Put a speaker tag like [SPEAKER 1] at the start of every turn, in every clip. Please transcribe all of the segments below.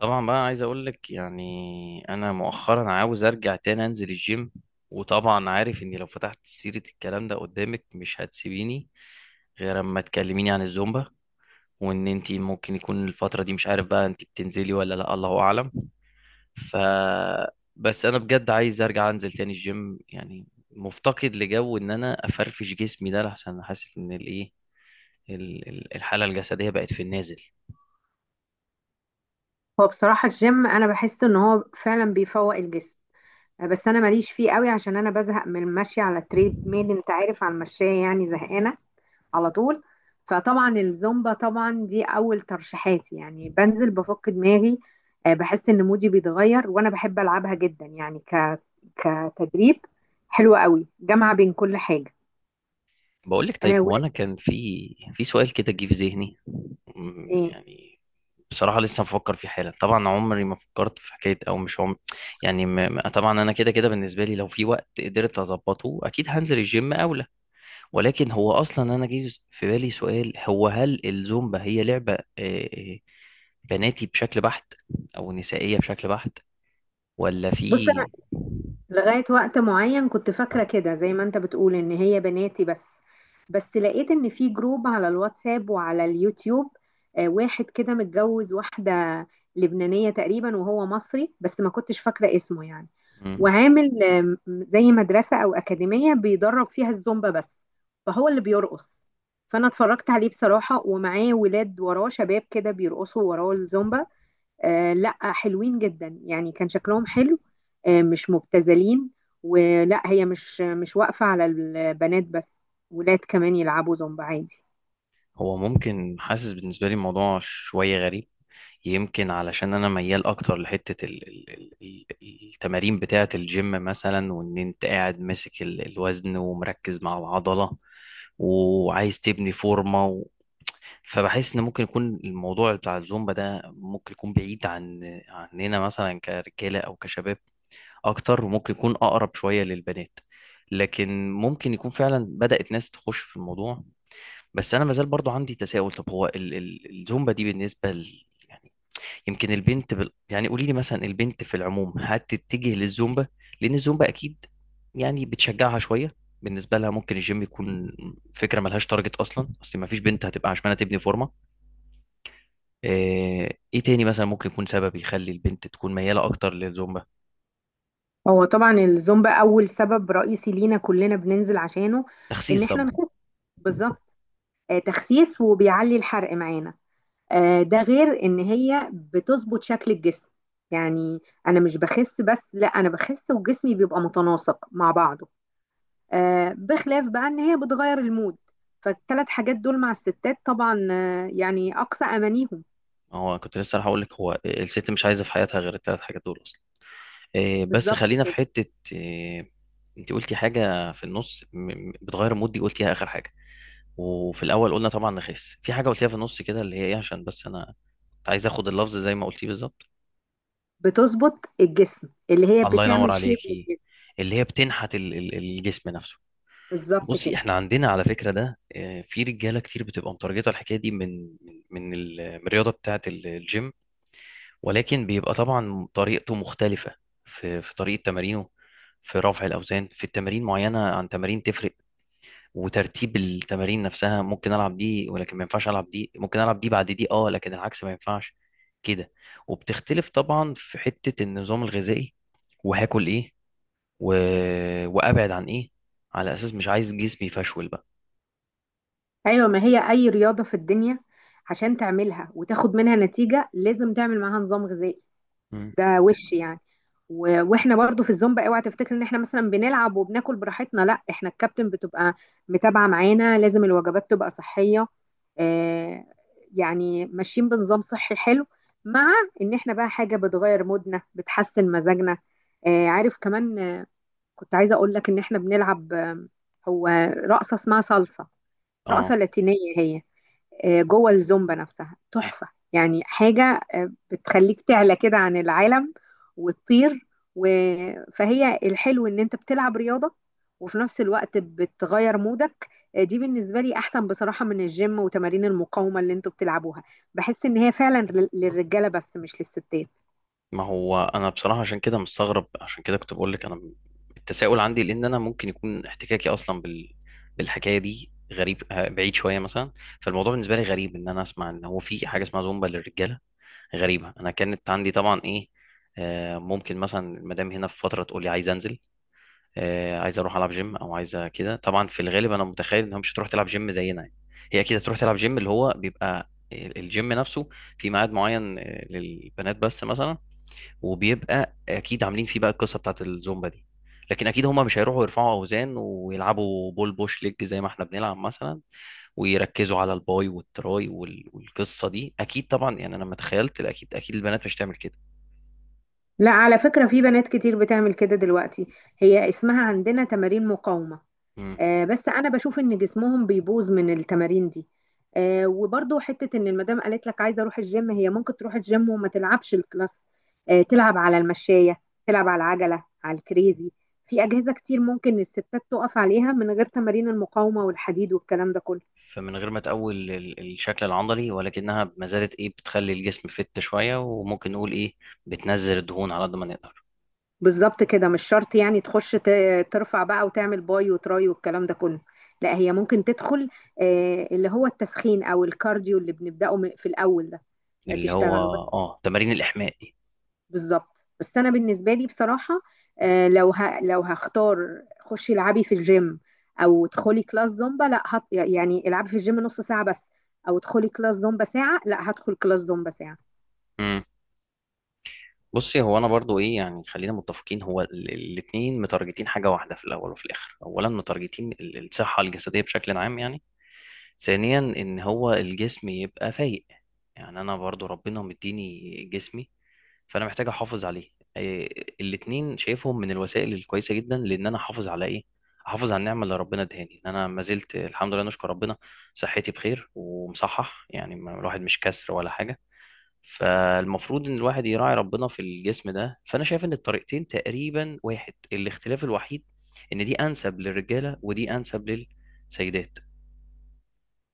[SPEAKER 1] طبعا بقى، عايز اقول لك يعني انا مؤخرا عاوز ارجع تاني انزل الجيم. وطبعا عارف اني لو فتحت سيرة الكلام ده قدامك مش هتسيبيني غير اما تكلميني عن الزومبا، وان انتي ممكن يكون الفترة دي مش عارف بقى انتي بتنزلي ولا لا، الله اعلم. ف بس انا بجد عايز ارجع انزل تاني الجيم، يعني مفتقد لجو ان انا افرفش جسمي ده، لحسن حاسس ان الايه، الحالة الجسدية بقت في النازل.
[SPEAKER 2] هو بصراحة الجيم أنا بحس إن هو فعلا بيفوق الجسم. بس أنا ماليش فيه قوي عشان أنا بزهق من المشي على تريد ميل، أنت عارف، على المشاية، يعني زهقانة على طول. فطبعا الزومبا طبعا دي أول ترشيحاتي، يعني بنزل بفك دماغي. بحس إن مودي بيتغير، وأنا بحب ألعبها جدا، يعني كتدريب حلوة قوي، جامعة بين كل حاجة.
[SPEAKER 1] بقول لك طيب،
[SPEAKER 2] آه،
[SPEAKER 1] هو انا
[SPEAKER 2] ولسه.
[SPEAKER 1] كان في سؤال كده جه في ذهني.
[SPEAKER 2] إيه.
[SPEAKER 1] يعني بصراحة لسه بفكر فيه حالا. طبعا عمري ما فكرت في حكاية، او مش عمري، يعني طبعا انا كده كده بالنسبة لي لو في وقت قدرت اظبطه اكيد هنزل الجيم اولى. ولكن هو اصلا، انا جه في بالي سؤال، هو هل الزومبا هي لعبة بناتي بشكل بحت، او نسائية بشكل بحت، ولا في.
[SPEAKER 2] بص، لغاية وقت معين كنت فاكرة كده زي ما انت بتقول ان هي بناتي بس. بس لقيت ان في جروب على الواتساب وعلى اليوتيوب. واحد كده متجوز واحدة لبنانية تقريبا، وهو مصري، بس ما كنتش فاكرة اسمه يعني.
[SPEAKER 1] مم.
[SPEAKER 2] وعامل زي مدرسة او أكاديمية بيدرب فيها الزومبا بس. فهو اللي بيرقص. فانا اتفرجت عليه بصراحة، ومعاه ولاد وراه، شباب كده بيرقصوا وراه الزومبا. لا، حلوين جدا يعني، كان شكلهم حلو. مش مبتذلين. ولا هي مش واقفة على البنات بس. ولاد كمان يلعبوا زومبا عادي.
[SPEAKER 1] هو ممكن، حاسس بالنسبة لي الموضوع شوية غريب. يمكن علشان انا ميال اكتر لحته التمارين بتاعه الجيم مثلا، وان انت قاعد ماسك الوزن ومركز مع العضله، وعايز تبني فورمه فبحس ان ممكن يكون الموضوع بتاع الزومبا ده ممكن يكون بعيد عننا مثلا كرجاله او كشباب اكتر، وممكن يكون اقرب شويه للبنات. لكن ممكن يكون فعلا بدأت ناس تخش في الموضوع. بس انا مازال برضو عندي تساؤل، طب هو الزومبا دي بالنسبه يعني يمكن البنت يعني قولي لي مثلا، البنت في العموم هتتجه للزومبا، لان الزومبا اكيد يعني بتشجعها شويه. بالنسبه لها ممكن الجيم يكون فكره ملهاش تارجت اصلا، اصل ما فيش بنت هتبقى عشمانه تبني فورمه. ايه تاني مثلا ممكن يكون سبب يخلي البنت تكون مياله اكتر للزومبا؟
[SPEAKER 2] هو طبعا الزومبا أول سبب رئيسي لينا كلنا بننزل عشانه. إن
[SPEAKER 1] تخسيس
[SPEAKER 2] إحنا
[SPEAKER 1] طبعا.
[SPEAKER 2] نخس. بالظبط. تخسيس، وبيعلي الحرق معانا. ده غير إن هي بتظبط شكل الجسم، يعني أنا مش بخس، بس لا، أنا بخس وجسمي بيبقى متناسق مع بعضه. بخلاف بقى ان هي بتغير المود. فالثلاث حاجات دول مع الستات طبعا، يعني اقصى امانيهم.
[SPEAKER 1] هو كنت لسه راح اقول لك، هو الست مش عايزه في حياتها غير الثلاث حاجات دول اصلا. آه، بس
[SPEAKER 2] بالظبط
[SPEAKER 1] خلينا في
[SPEAKER 2] كده.
[SPEAKER 1] حته. آه، انت قلتي حاجه في النص، بتغير مودي، قلتيها اخر حاجه. وفي الاول قلنا طبعا نخس، في حاجه قلتيها في النص كده اللي هي ايه، عشان بس انا كنت عايز اخد اللفظ زي ما قلتيه بالظبط.
[SPEAKER 2] بتظبط الجسم، اللي هي
[SPEAKER 1] الله ينور
[SPEAKER 2] بتعمل شيب
[SPEAKER 1] عليكي.
[SPEAKER 2] للجسم.
[SPEAKER 1] اللي هي بتنحت الجسم نفسه.
[SPEAKER 2] بالظبط
[SPEAKER 1] بصي،
[SPEAKER 2] كده.
[SPEAKER 1] احنا عندنا على فكره ده، في رجاله كتير بتبقى مترجطه الحكايه دي من من الرياضه بتاعه الجيم. ولكن بيبقى طبعا طريقته مختلفه في طريقه تمارينه، في رفع الاوزان، في التمارين معينه عن تمارين تفرق. وترتيب التمارين نفسها، ممكن العب دي ولكن ما ينفعش العب دي، ممكن العب دي بعد دي، اه، لكن العكس ما ينفعش كده. وبتختلف طبعا في حتة النظام الغذائي، وهاكل ايه، و... وابعد عن ايه، على اساس مش عايز جسمي يفشول بقى.
[SPEAKER 2] ايوه، ما هي اي رياضه في الدنيا عشان تعملها وتاخد منها نتيجه لازم تعمل معاها نظام غذائي.
[SPEAKER 1] مم.
[SPEAKER 2] ده وش يعني. واحنا برضو في الزومبا، اوعى تفتكر ان احنا مثلا بنلعب وبناكل براحتنا، لا، احنا الكابتن بتبقى متابعه معانا، لازم الوجبات تبقى صحيه. آه يعني ماشيين بنظام صحي حلو، مع ان احنا بقى حاجه بتغير مودنا، بتحسن مزاجنا. عارف كمان، كنت عايزه اقول لك ان احنا بنلعب. هو رقصه اسمها صلصه،
[SPEAKER 1] اه.
[SPEAKER 2] رقصه لاتينيه هي، جوه الزومبا نفسها، تحفة. يعني حاجة بتخليك تعلى كده عن العالم وتطير. و... فهي الحلو ان انت بتلعب رياضة وفي نفس الوقت بتغير مودك. دي بالنسبة لي احسن بصراحة من الجيم وتمارين المقاومة اللي انتوا بتلعبوها. بحس ان هي فعلا للرجالة بس، مش للستات.
[SPEAKER 1] ما هو انا بصراحة عشان كده مستغرب، عشان كده كنت بقول لك انا التساؤل عندي، لان انا ممكن يكون احتكاكي اصلا بالحكاية دي غريب، بعيد شوية مثلا. فالموضوع بالنسبة لي غريب، ان انا اسمع ان هو في حاجة اسمها زومبا للرجالة. غريبة، أنا كانت عندي طبعا إيه، ممكن مثلا المدام هنا في فترة تقول لي عايز أنزل، عايز أروح ألعب جيم أو عايزة كده. طبعا في الغالب أنا متخيل إنها مش هتروح تلعب جيم زينا يعني. هي أكيد هتروح تلعب جيم اللي هو بيبقى الجيم نفسه، في ميعاد معين للبنات بس مثلا. وبيبقى أكيد عاملين فيه بقى القصة بتاعت الزومبا دي. لكن أكيد هما مش هيروحوا يرفعوا أوزان ويلعبوا بول بوش ليج زي ما إحنا بنلعب مثلا، ويركزوا على الباي والتراي والقصه دي اكيد طبعا. يعني انا لما تخيلت، اكيد اكيد البنات مش تعمل كده.
[SPEAKER 2] لا، على فكرة في بنات كتير بتعمل كده دلوقتي. هي اسمها عندنا تمارين مقاومة.
[SPEAKER 1] مم.
[SPEAKER 2] بس انا بشوف ان جسمهم بيبوظ من التمارين دي. وبرضو حته ان المدام قالت لك عايزه اروح الجيم، هي ممكن تروح الجيم وما تلعبش الكلاس. تلعب على المشايه، تلعب على العجله، على الكريزي. في اجهزه كتير ممكن الستات تقف عليها من غير تمارين المقاومه والحديد والكلام ده كله.
[SPEAKER 1] فمن غير ما تقول الشكل العضلي، ولكنها ما زالت ايه، بتخلي الجسم فت شويه، وممكن نقول ايه، بتنزل الدهون على قد ما نقدر.
[SPEAKER 2] بالظبط كده، مش شرط يعني تخش ترفع بقى وتعمل باي وتراي والكلام ده كله. لا، هي ممكن تدخل اللي هو التسخين او الكارديو اللي بنبداه في الاول ده.
[SPEAKER 1] اللي هو،
[SPEAKER 2] تشتغله بس.
[SPEAKER 1] اه، تمارين الاحماء دي.
[SPEAKER 2] بالظبط. بس انا بالنسبه لي بصراحه، لو هختار، خشي العبي في الجيم او ادخلي كلاس زومبا، لا يعني العبي في الجيم نص ساعه بس او ادخلي كلاس زومبا ساعه، لا هدخل كلاس زومبا ساعه.
[SPEAKER 1] مم. بصي، هو انا برضو ايه، يعني خلينا متفقين، هو الاثنين متارجتين حاجه واحده في الاول وفي الاخر. اولا، متارجتين الصحه الجسديه بشكل عام يعني. ثانيا، ان هو الجسم يبقى فايق، يعني انا برضو ربنا مديني جسمي، فانا محتاج احافظ عليه. إيه، الاتنين شايفهم من الوسائل الكويسه جدا، لان انا احافظ على ايه، احافظ على النعمه اللي ربنا ادهاني، ان انا ما زلت الحمد لله نشكر ربنا، صحتي بخير ومصحح، يعني الواحد مش كسر ولا حاجه. فالمفروض ان الواحد يراعي ربنا في الجسم ده. فانا شايف ان الطريقتين تقريبا واحد، الاختلاف الوحيد ان دي انسب للرجاله ودي انسب للسيدات.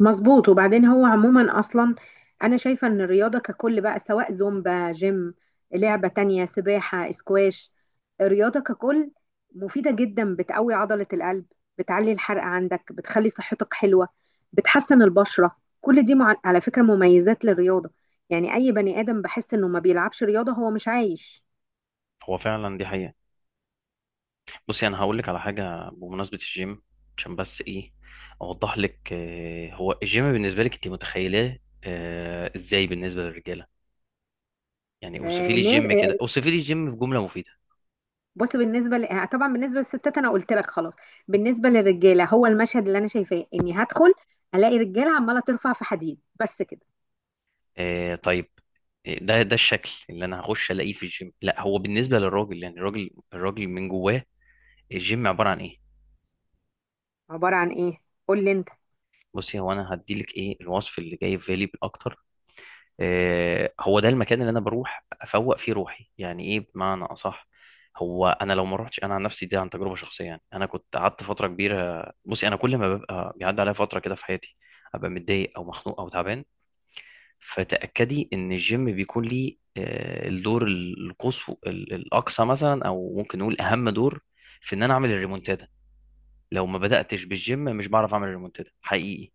[SPEAKER 2] مظبوط. وبعدين هو عموما اصلا انا شايفه ان الرياضه ككل بقى، سواء زومبا، جيم، لعبه تانية، سباحه، اسكواش، الرياضه ككل مفيده جدا، بتقوي عضله القلب، بتعلي الحرق عندك، بتخلي صحتك حلوه، بتحسن البشره. كل دي على فكره مميزات للرياضه. يعني اي بني ادم بحس انه ما بيلعبش رياضه هو مش عايش.
[SPEAKER 1] هو فعلا دي حقيقه. بصي انا هقول لك على حاجه بمناسبه الجيم، عشان بس ايه، اوضح لك. هو الجيم بالنسبه لك انت متخيلاه ازاي بالنسبه للرجاله؟ يعني اوصفي لي
[SPEAKER 2] الناس.
[SPEAKER 1] الجيم كده، اوصفي لي الجيم في جمله مفيده.
[SPEAKER 2] بص، طبعا بالنسبه للستات انا قلت لك خلاص. بالنسبه للرجاله هو المشهد اللي انا شايفاه اني هدخل الاقي رجاله عماله ترفع في حديد بس كده.
[SPEAKER 1] آه، طيب. ده الشكل اللي انا هخش الاقيه في الجيم؟ لا، هو بالنسبه للراجل، يعني الراجل الراجل من جواه، الجيم عباره عن ايه؟
[SPEAKER 2] عباره عن ايه؟ قول لي انت.
[SPEAKER 1] بصي، هو انا هدي لك ايه الوصف اللي جاي في بالي بالاكتر. هو ده المكان اللي انا بروح افوق فيه روحي، يعني ايه بمعنى اصح. هو انا لو ما روحتش، انا عن نفسي دي عن تجربه شخصيه، يعني انا كنت قعدت فتره كبيره. بصي انا كل ما ببقى بيعدي عليا فتره كده في حياتي ابقى متضايق او مخنوق او تعبان، فتاكدي ان الجيم بيكون ليه الدور الاقصى مثلا، او ممكن نقول اهم دور، في ان انا اعمل الريمونتادا. لو ما بداتش بالجيم مش بعرف اعمل الريمونتادا حقيقي.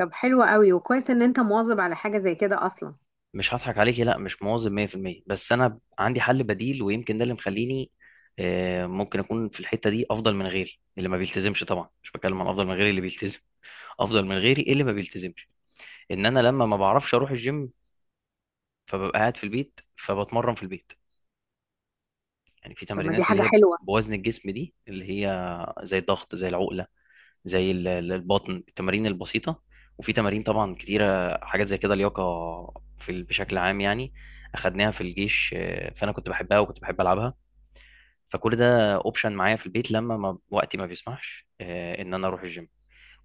[SPEAKER 2] طب حلو قوي، وكويس ان انت مواظب على حاجه زي كده اصلا.
[SPEAKER 1] مش هضحك عليكي، لا مش مواظب 100%. بس انا عندي حل بديل، ويمكن ده اللي مخليني، ممكن اكون في الحته دي افضل من غيري اللي ما بيلتزمش. طبعا مش بتكلم عن افضل من غيري اللي بيلتزم، افضل من غيري اللي ما بيلتزمش. ان انا لما ما بعرفش اروح الجيم فببقى قاعد في البيت فبتمرن في البيت. يعني في
[SPEAKER 2] طب ما دي
[SPEAKER 1] تمارينات اللي
[SPEAKER 2] حاجه
[SPEAKER 1] هي
[SPEAKER 2] حلوه.
[SPEAKER 1] بوزن الجسم دي، اللي هي زي الضغط، زي العقله، زي البطن، التمارين البسيطة. وفي تمارين طبعا كتيرة، حاجات زي كده لياقة، في بشكل عام يعني، أخدناها في الجيش. فأنا كنت بحبها وكنت بحب ألعبها. فكل ده أوبشن معايا في البيت لما ما وقتي ما بيسمحش، إن أنا أروح الجيم.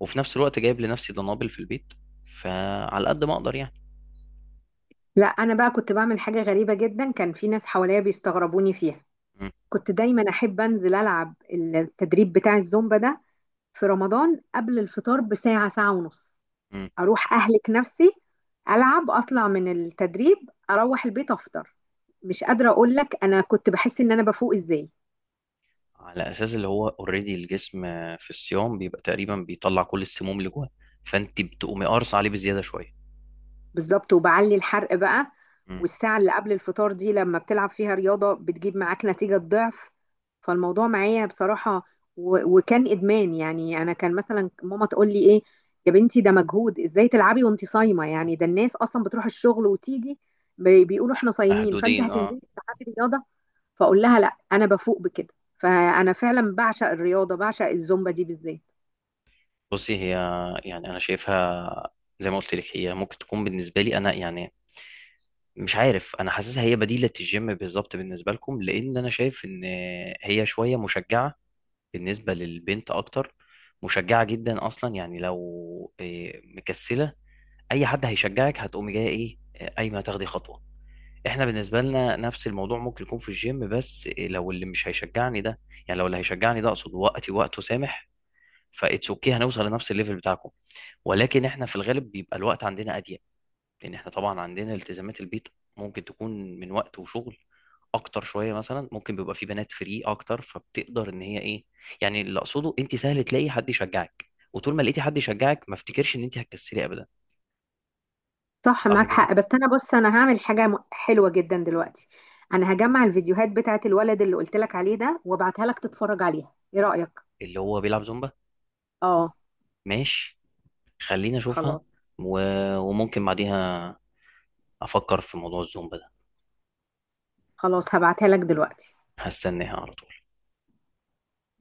[SPEAKER 1] وفي نفس الوقت جايب لنفسي دنابل في البيت، فعلى قد ما أقدر يعني.
[SPEAKER 2] لا، انا بقى كنت بعمل حاجه غريبه جدا، كان في ناس حواليا بيستغربوني فيها.
[SPEAKER 1] م-
[SPEAKER 2] كنت دايما احب انزل العب التدريب بتاع الزومبا ده في رمضان قبل الفطار بساعه، ساعه ونص.
[SPEAKER 1] م.
[SPEAKER 2] اروح اهلك نفسي. العب، اطلع من التدريب، اروح البيت افطر. مش قادره اقول لك انا كنت بحس ان انا بفوق ازاي.
[SPEAKER 1] على أساس اللي هو أوريدي الجسم، في الصيام بيبقى تقريبا بيطلع كل السموم اللي جواه، فأنت بتقومي قارص عليه بزيادة شوية.
[SPEAKER 2] بالظبط، وبعلي الحرق بقى.
[SPEAKER 1] م.
[SPEAKER 2] والساعه اللي قبل الفطار دي لما بتلعب فيها رياضه بتجيب معاك نتيجه ضعف. فالموضوع معايا بصراحه وكان ادمان، يعني انا كان مثلا ماما تقول لي ايه، يا بنتي ده مجهود، ازاي تلعبي وانت صايمه، يعني ده الناس اصلا بتروح الشغل وتيجي بيقولوا احنا صايمين، فانت
[SPEAKER 1] محدودين، اه.
[SPEAKER 2] هتنزلي تلعبي رياضه. فاقول لها لا، انا بفوق بكده. فانا فعلا بعشق الرياضه، بعشق الزومبا دي بالذات.
[SPEAKER 1] بصي هي، يعني انا شايفها زي ما قلت لك، هي ممكن تكون بالنسبه لي انا يعني، مش عارف، انا حاسسها هي بديله الجيم بالظبط بالنسبه لكم. لان انا شايف ان هي شويه مشجعه بالنسبه للبنت اكتر، مشجعه جدا اصلا يعني، لو إيه، مكسله، اي حد هيشجعك هتقومي جايه ايه، إيه، قايمه تاخدي خطوه. احنا بالنسبه لنا نفس الموضوع ممكن يكون في الجيم، بس إيه، لو اللي مش هيشجعني ده، يعني لو اللي هيشجعني ده اقصد وقته سامح، فاتس اوكي، هنوصل لنفس الليفل بتاعكم. ولكن احنا في الغالب بيبقى الوقت عندنا اضيق، لان احنا طبعا عندنا التزامات البيت، ممكن تكون من وقت وشغل اكتر شويه مثلا. ممكن بيبقى في بنات فري اكتر فبتقدر ان هي ايه، يعني اللي اقصده، انت سهل تلاقي حد يشجعك، وطول ما لقيتي حد يشجعك ما افتكرش ان انت هتكسلي ابدا.
[SPEAKER 2] صح،
[SPEAKER 1] صح
[SPEAKER 2] معاك
[SPEAKER 1] كده.
[SPEAKER 2] حق، بس انا، بص، انا هعمل حاجه حلوه جدا دلوقتي. انا هجمع الفيديوهات بتاعت الولد اللي قلت لك عليه ده وابعتها لك تتفرج عليها، ايه رايك؟
[SPEAKER 1] اللي هو بيلعب زومبا؟
[SPEAKER 2] اه.
[SPEAKER 1] ماشي، خليني اشوفها.
[SPEAKER 2] خلاص.
[SPEAKER 1] و... وممكن بعديها افكر في موضوع الزومبا ده.
[SPEAKER 2] خلاص، هبعتها لك دلوقتي.
[SPEAKER 1] هستناها على طول.